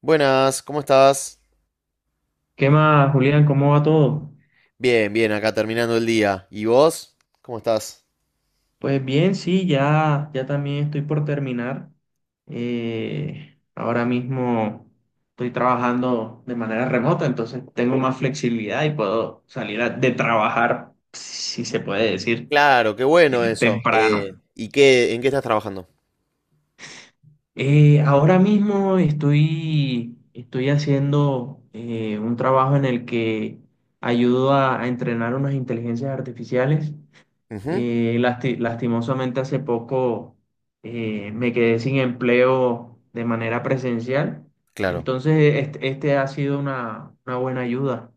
Buenas, ¿cómo estás? ¿Qué más, Julián? ¿Cómo va todo? Bien, bien, acá terminando el día. ¿Y vos? ¿Cómo estás? Pues bien, sí, ya también estoy por terminar. Ahora mismo estoy trabajando de manera remota, entonces tengo más flexibilidad y puedo de trabajar, si se puede decir, Claro, qué bueno eso. temprano. ¿Y en qué estás trabajando? Ahora mismo estoy haciendo un trabajo en el que ayudo a entrenar unas inteligencias artificiales. Ujú, Lastimosamente hace poco me quedé sin empleo de manera presencial. claro. Entonces, este ha sido una buena ayuda.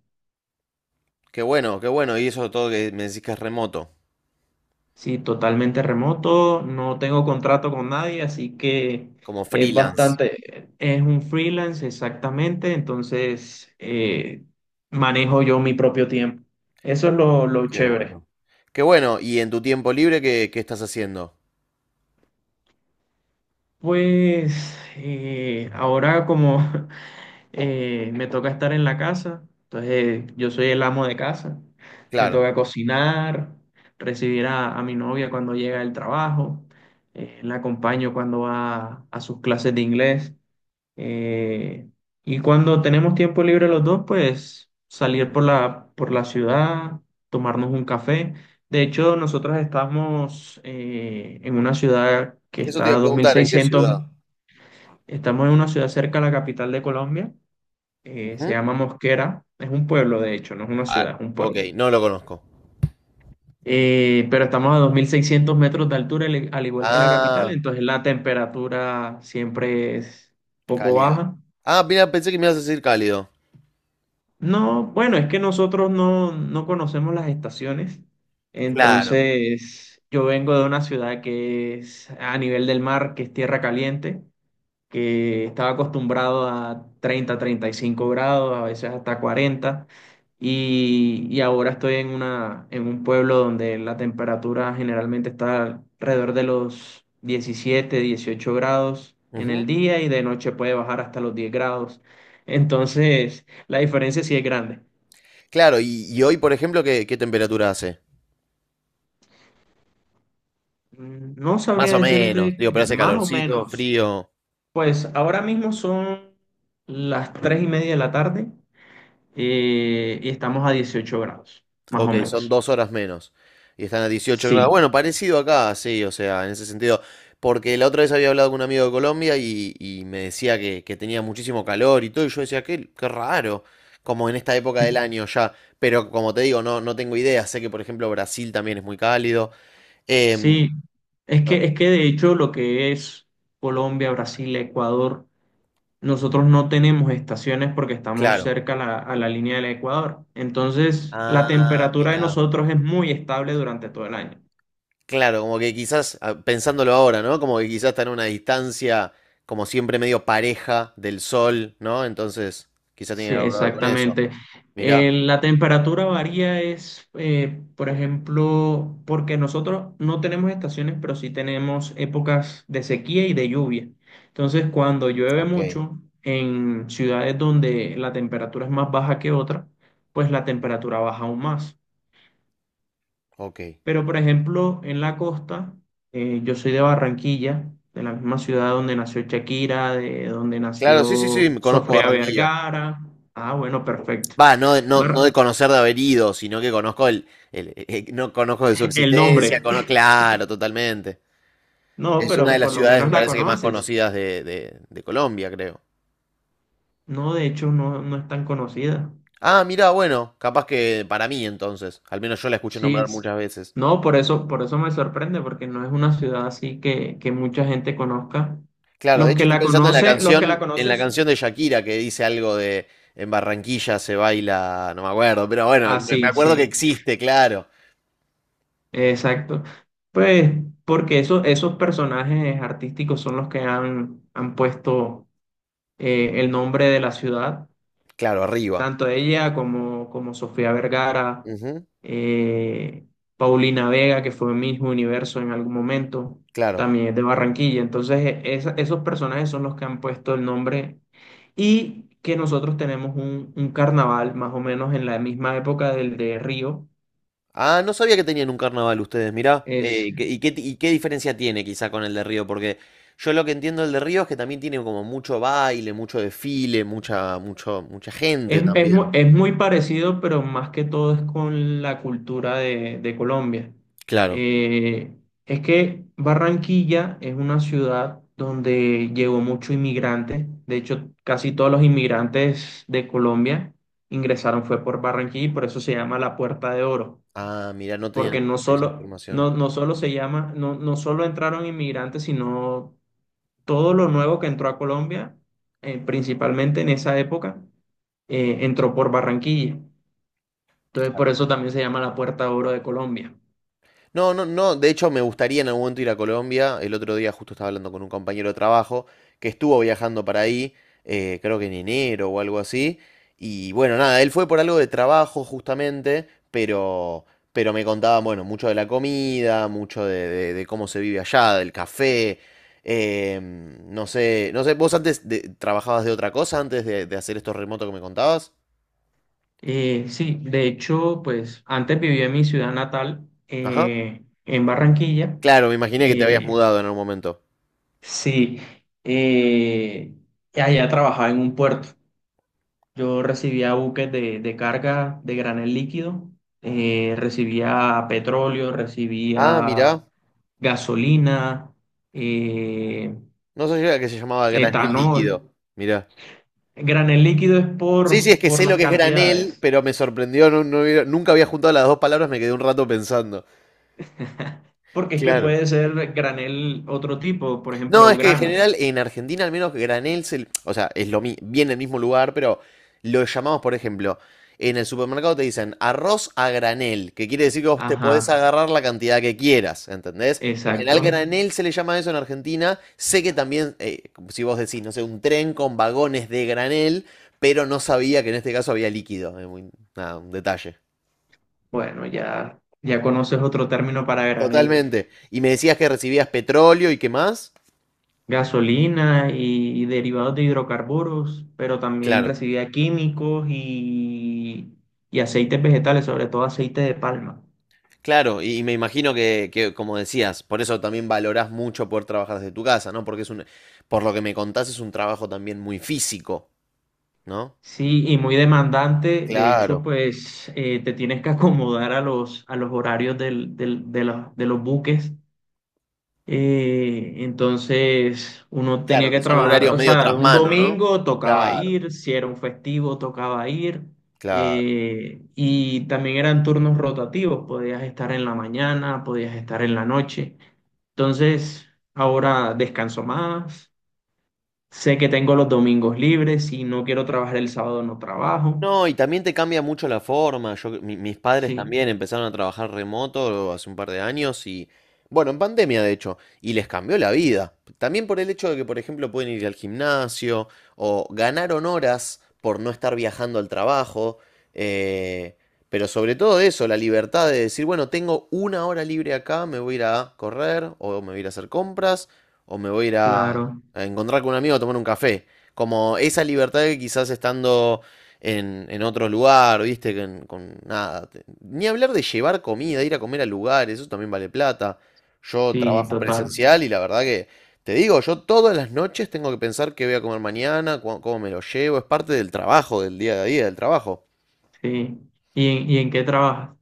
Qué bueno, qué bueno. Y eso todo que me decís que es remoto, Sí, totalmente remoto, no tengo contrato con nadie, así que como es freelance. bastante, es un freelance exactamente, entonces manejo yo mi propio tiempo. Eso es Per- lo Qué chévere. bueno. Qué bueno. ¿Y en tu tiempo libre qué estás haciendo? Pues ahora como me toca estar en la casa, entonces yo soy el amo de casa, me Claro. toca cocinar, recibir a mi novia cuando llega del trabajo, la acompaño cuando va a sus clases de inglés. Eh, y cuando tenemos tiempo libre los dos, pues salir por por la ciudad, tomarnos un café. De hecho, nosotros estamos en una ciudad que Eso te está iba a a dos mil preguntar, ¿en qué seiscientos ciudad? Estamos en una ciudad cerca a la capital de Colombia, se Ujú. llama Mosquera, es un pueblo de hecho, no es una Ah, ciudad, es un ok, pueblo. no lo conozco. Pero estamos a 2.600 metros de altura, al igual que la capital, Ah, entonces la temperatura siempre es poco cálido. baja. Ah, mira, pensé que me ibas a decir cálido. No, bueno, es que nosotros no conocemos las estaciones, Claro. entonces yo vengo de una ciudad que es a nivel del mar, que es tierra caliente, que estaba acostumbrado a 30, 35 grados, a veces hasta 40, y ahora estoy en una, en un pueblo donde la temperatura generalmente está alrededor de los 17, 18 grados en el día y de noche puede bajar hasta los 10 grados. Entonces, la diferencia sí es grande. Claro, y hoy, por ejemplo, ¿qué temperatura hace? No Más sabría o decirte menos. Digo, pero hace más o calorcito, menos. frío. Pues ahora mismo son las 3:30 de la tarde y estamos a 18 grados, más Ok, o son menos. 2 horas menos. Y están a 18 grados. Sí, Bueno, parecido acá, sí, o sea, en ese sentido. Porque la otra vez había hablado con un amigo de Colombia y me decía que tenía muchísimo calor y todo. Y yo decía, qué raro. Como en esta época del año ya. Pero como te digo, no tengo idea. Sé que, por ejemplo, Brasil también es muy cálido. Em, sí. No, Es que de hecho lo que es Colombia, Brasil, Ecuador, nosotros no tenemos estaciones porque estamos claro. cerca a a la línea del Ecuador. Entonces, la Ah, temperatura de mirá. nosotros es muy estable durante todo el año. Claro, como que quizás, ah, pensándolo ahora, ¿no? Como que quizás está en una distancia, como siempre, medio pareja del sol, ¿no? Entonces, quizás Sí, tiene algo que ver con eso. exactamente. Mirá, La temperatura varía es, por ejemplo, porque nosotros no tenemos estaciones, pero sí tenemos épocas de sequía y de lluvia. Entonces, cuando llueve ok, mucho en ciudades donde la temperatura es más baja que otra, pues la temperatura baja aún más. ok. Pero, por ejemplo, en la costa, yo soy de Barranquilla, de la misma ciudad donde nació Shakira, de donde Claro, sí, sí, nació sí, me conozco Sofía Barranquilla. Vergara. Ah, bueno, perfecto. Va, no, no, Bar- no de conocer de haber ido, sino que conozco no conozco de su el existencia, nombre. Claro, totalmente. No, Es una pero de las por lo ciudades, me menos la parece que más conoces. conocidas de Colombia, creo. No, de hecho, no es tan conocida. Ah, mirá, bueno, capaz que para mí entonces, al menos yo la escuché Sí. nombrar es- muchas veces. No, por eso me sorprende, porque no es una ciudad así que mucha gente conozca. Claro, de Los hecho que estoy la pensando conocen, los que la en la conoces, canción de Shakira que dice algo de en Barranquilla se baila, no me acuerdo, pero bueno, ah, me sí, acuerdo sí, que existe, claro. exacto. Pues porque eso, esos personajes artísticos son los que han puesto el nombre de la ciudad Claro, arriba. tanto ella como Sofía Vergara, Ujú, eh, Paulina Vega, que fue Miss Universo en algún momento, claro. también es de Barranquilla. Entonces, esos personajes son los que han puesto el nombre y que nosotros tenemos un carnaval más o menos en la misma época del de Río. Ah, no sabía que tenían un carnaval ustedes, mirá. ¿Y qué diferencia tiene quizá con el de Río? Porque yo lo que entiendo del de Río es que también tiene como mucho baile, mucho desfile, mucha, mucho, mucha gente Es, es mu- también. es muy parecido, pero más que todo es con la cultura de Colombia. Claro. Eh, es que Barranquilla es una ciudad donde llegó mucho inmigrante. De hecho, casi todos los inmigrantes de Colombia ingresaron fue por Barranquilla y por eso se llama la Puerta de Oro. Ah, mirá, no tenía Porque no esa solo, información. No solo se llama, no solo entraron inmigrantes, sino todo lo nuevo que entró a Colombia, principalmente en esa época entró por Barranquilla. Entonces, por eso también se llama la Puerta de Oro de Colombia. No, no, no. De hecho, me gustaría en algún momento ir a Colombia. El otro día justo estaba hablando con un compañero de trabajo que estuvo viajando para ahí, creo que en enero o algo así. Y bueno, nada, él fue por algo de trabajo justamente, pero, me contaban, bueno, mucho de la comida, mucho de cómo se vive allá, del café. No sé, no sé, ¿vos antes trabajabas de otra cosa antes de hacer estos remotos que me contabas? Sí, de hecho, pues antes viví en mi ciudad natal, Ajá. En Barranquilla. Claro, me imaginé que te habías Sí, Eh, mudado en algún momento. sí, eh, allá trabajaba en un puerto. Yo recibía buques de carga de granel líquido, recibía petróleo, Ah, recibía mirá. gasolina, eh, No sabía que se llamaba granel etanol. líquido. Mirá. Granel líquido es Sí, sí, es por, que sé lo las que es granel, cantidades, pero me sorprendió. Nunca había juntado las dos palabras, me quedé un rato pensando. porque es que Claro. puede ser granel otro tipo, por No, ejemplo, es que en granos. general en Argentina al menos Granel, o sea, es lo viene del mismo lugar, pero lo llamamos, por ejemplo, en el supermercado te dicen arroz a granel, que quiere decir que vos te Ajá, podés agarrar la cantidad que quieras, ¿entendés? En general exacto. granel se le llama eso en Argentina. Sé que también, si vos decís, no sé, un tren con vagones de granel, pero no sabía que en este caso había líquido. Es nada, un detalle. Bueno, ya conoces otro término para granel. Totalmente. Y me decías que recibías petróleo y qué más. Gasolina y derivados de hidrocarburos, pero también Claro. recibía químicos y aceites vegetales, sobre todo aceite de palma. Claro, y me imagino que, como decías, por eso también valorás mucho poder trabajar desde tu casa, ¿no? Porque es un, por lo que me contás, es un trabajo también muy físico, ¿no? Sí, y muy demandante. De hecho, Claro, pues te tienes que acomodar a a los horarios de los buques. Entonces, uno tenía claro, que que son trabajar, horarios o medio sea, tras un mano, ¿no? domingo tocaba Claro, ir, si era un festivo tocaba ir. claro. Y también eran turnos rotativos, podías estar en la mañana, podías estar en la noche. Entonces, ahora descanso más. Sé que tengo los domingos libres. Si no quiero trabajar el sábado, no trabajo. No, y también te cambia mucho la forma. Yo, mis padres Sí, también empezaron a trabajar remoto hace un par de años y, bueno, en pandemia de hecho, y les cambió la vida. También por el hecho de que, por ejemplo, pueden ir al gimnasio o ganaron horas por no estar viajando al trabajo. eh, pero sobre todo eso, la libertad de decir, bueno, tengo una hora libre acá, me voy a ir a correr o me voy a ir a hacer compras o me voy a ir a, Claro, claro, a encontrar con un amigo a tomar un café. Como esa libertad que quizás estando en otro lugar, ¿viste? Con nada. Ni hablar de llevar comida, ir a comer a lugares, eso también vale plata. Yo sí, trabajo total, presencial y la verdad que, te digo, yo todas las noches tengo que pensar qué voy a comer mañana, cómo me lo llevo, es parte del trabajo, del día a día del trabajo. sí. ¿Y en qué trabajas?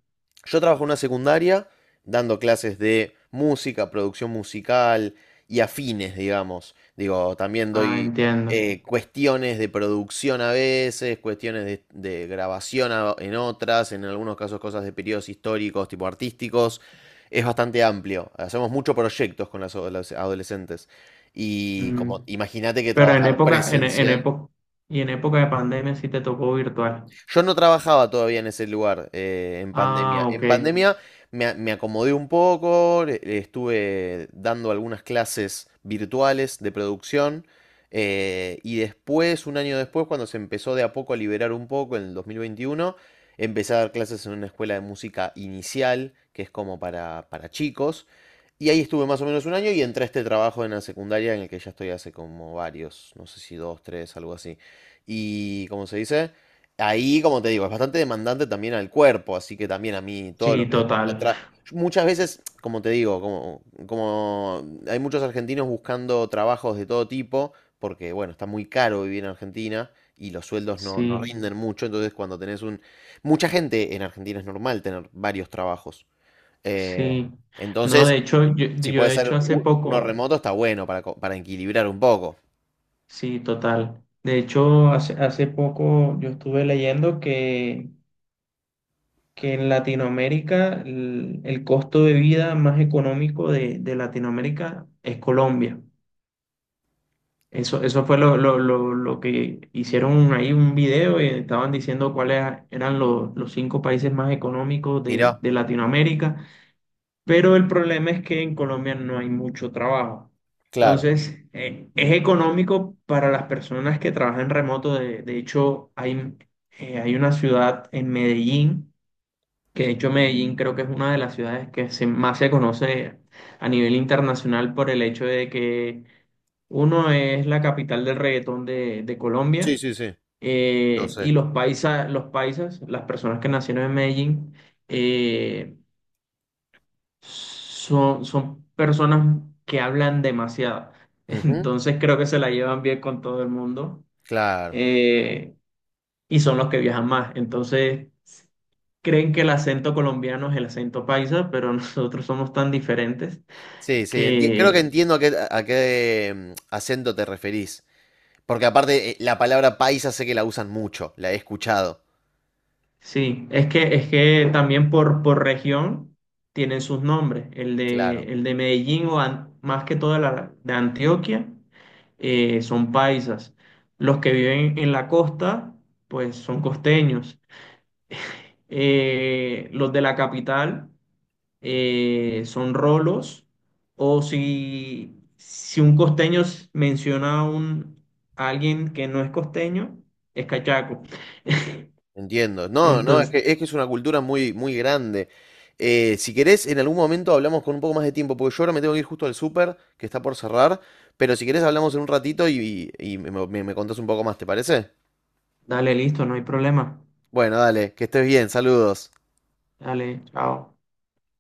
Yo trabajo en una secundaria dando clases de música, producción musical y afines, digamos. Digo, también Ah, doy entiendo. Cuestiones de producción a veces, cuestiones de grabación en otras, en algunos casos cosas de periodos históricos, tipo artísticos. Es bastante amplio. Hacemos muchos proyectos con las adolescentes. Y Mm, como imagínate que Pero en trabajar época, en presencial. época, y en época de pandemia sí te tocó virtual. Yo no trabajaba todavía en ese lugar en pandemia. Ah, ok, En pandemia me, me acomodé un poco, le estuve dando algunas clases virtuales de producción y después, un año después, cuando se empezó de a poco a liberar un poco en el 2021 empecé a dar clases en una escuela de música inicial, que es como para, chicos. Y ahí estuve más o menos un año y entré a este trabajo en la secundaria en el que ya estoy hace como varios, no sé si dos, tres, algo así. Y, ¿cómo se dice? Ahí, como te digo, es bastante demandante también al cuerpo, así que también a mí todo sí, lo que es Mm. total, Muchas veces, como te digo, como hay muchos argentinos buscando trabajos de todo tipo, porque bueno, está muy caro vivir en Argentina y los sueldos no sí, rinden mucho, entonces cuando tenés un... Mucha gente en Argentina es normal tener varios trabajos. eh, sí. No, entonces, de hecho, si yo puede de ser hecho hace uno poco, remoto, está bueno para, para equilibrar un poco. sí, total. De hecho, hace poco yo estuve leyendo que en Latinoamérica el costo de vida más económico de Latinoamérica es Colombia. Eso fue lo que hicieron ahí un video y estaban diciendo cuáles eran los cinco países más económicos Mirá, de Latinoamérica, pero el problema es que en Colombia no hay mucho trabajo. claro. Entonces, es económico para las personas que trabajan remoto. De hecho, hay, hay una ciudad en Medellín que de hecho Medellín creo que es una de las ciudades que más se conoce a nivel internacional por el hecho de que uno es la capital del reggaetón de Sí, Colombia, sí, sí, lo y sé. Los paisas, las personas que nacieron en Medellín, eh, son, personas que hablan demasiado. Ujú, Entonces creo que se la llevan bien con todo el mundo, claro. eh, y son los que viajan más. Entonces creen que el acento colombiano es el acento paisa, pero nosotros somos tan diferentes Sí, sí, creo que que entiendo a qué acento te referís. Porque aparte, la palabra paisa sé que la usan mucho, la he escuchado. sí, es que también por región tienen sus nombres. Claro. El de Medellín o más que todo la de Antioquia son paisas. Los que viven en la costa, pues son costeños. Los de la capital, son rolos, o si un costeño menciona a alguien que no es costeño, es cachaco. Entiendo. No, no, es Entonces, que es que es una cultura muy, muy grande. Si querés, en algún momento hablamos con un poco más de tiempo, porque yo ahora me tengo que ir justo al súper, que está por cerrar, pero si querés hablamos en un ratito y me contás un poco más, ¿te parece? dale, listo, no hay problema. Bueno, dale, que estés bien, saludos. Dale, chao.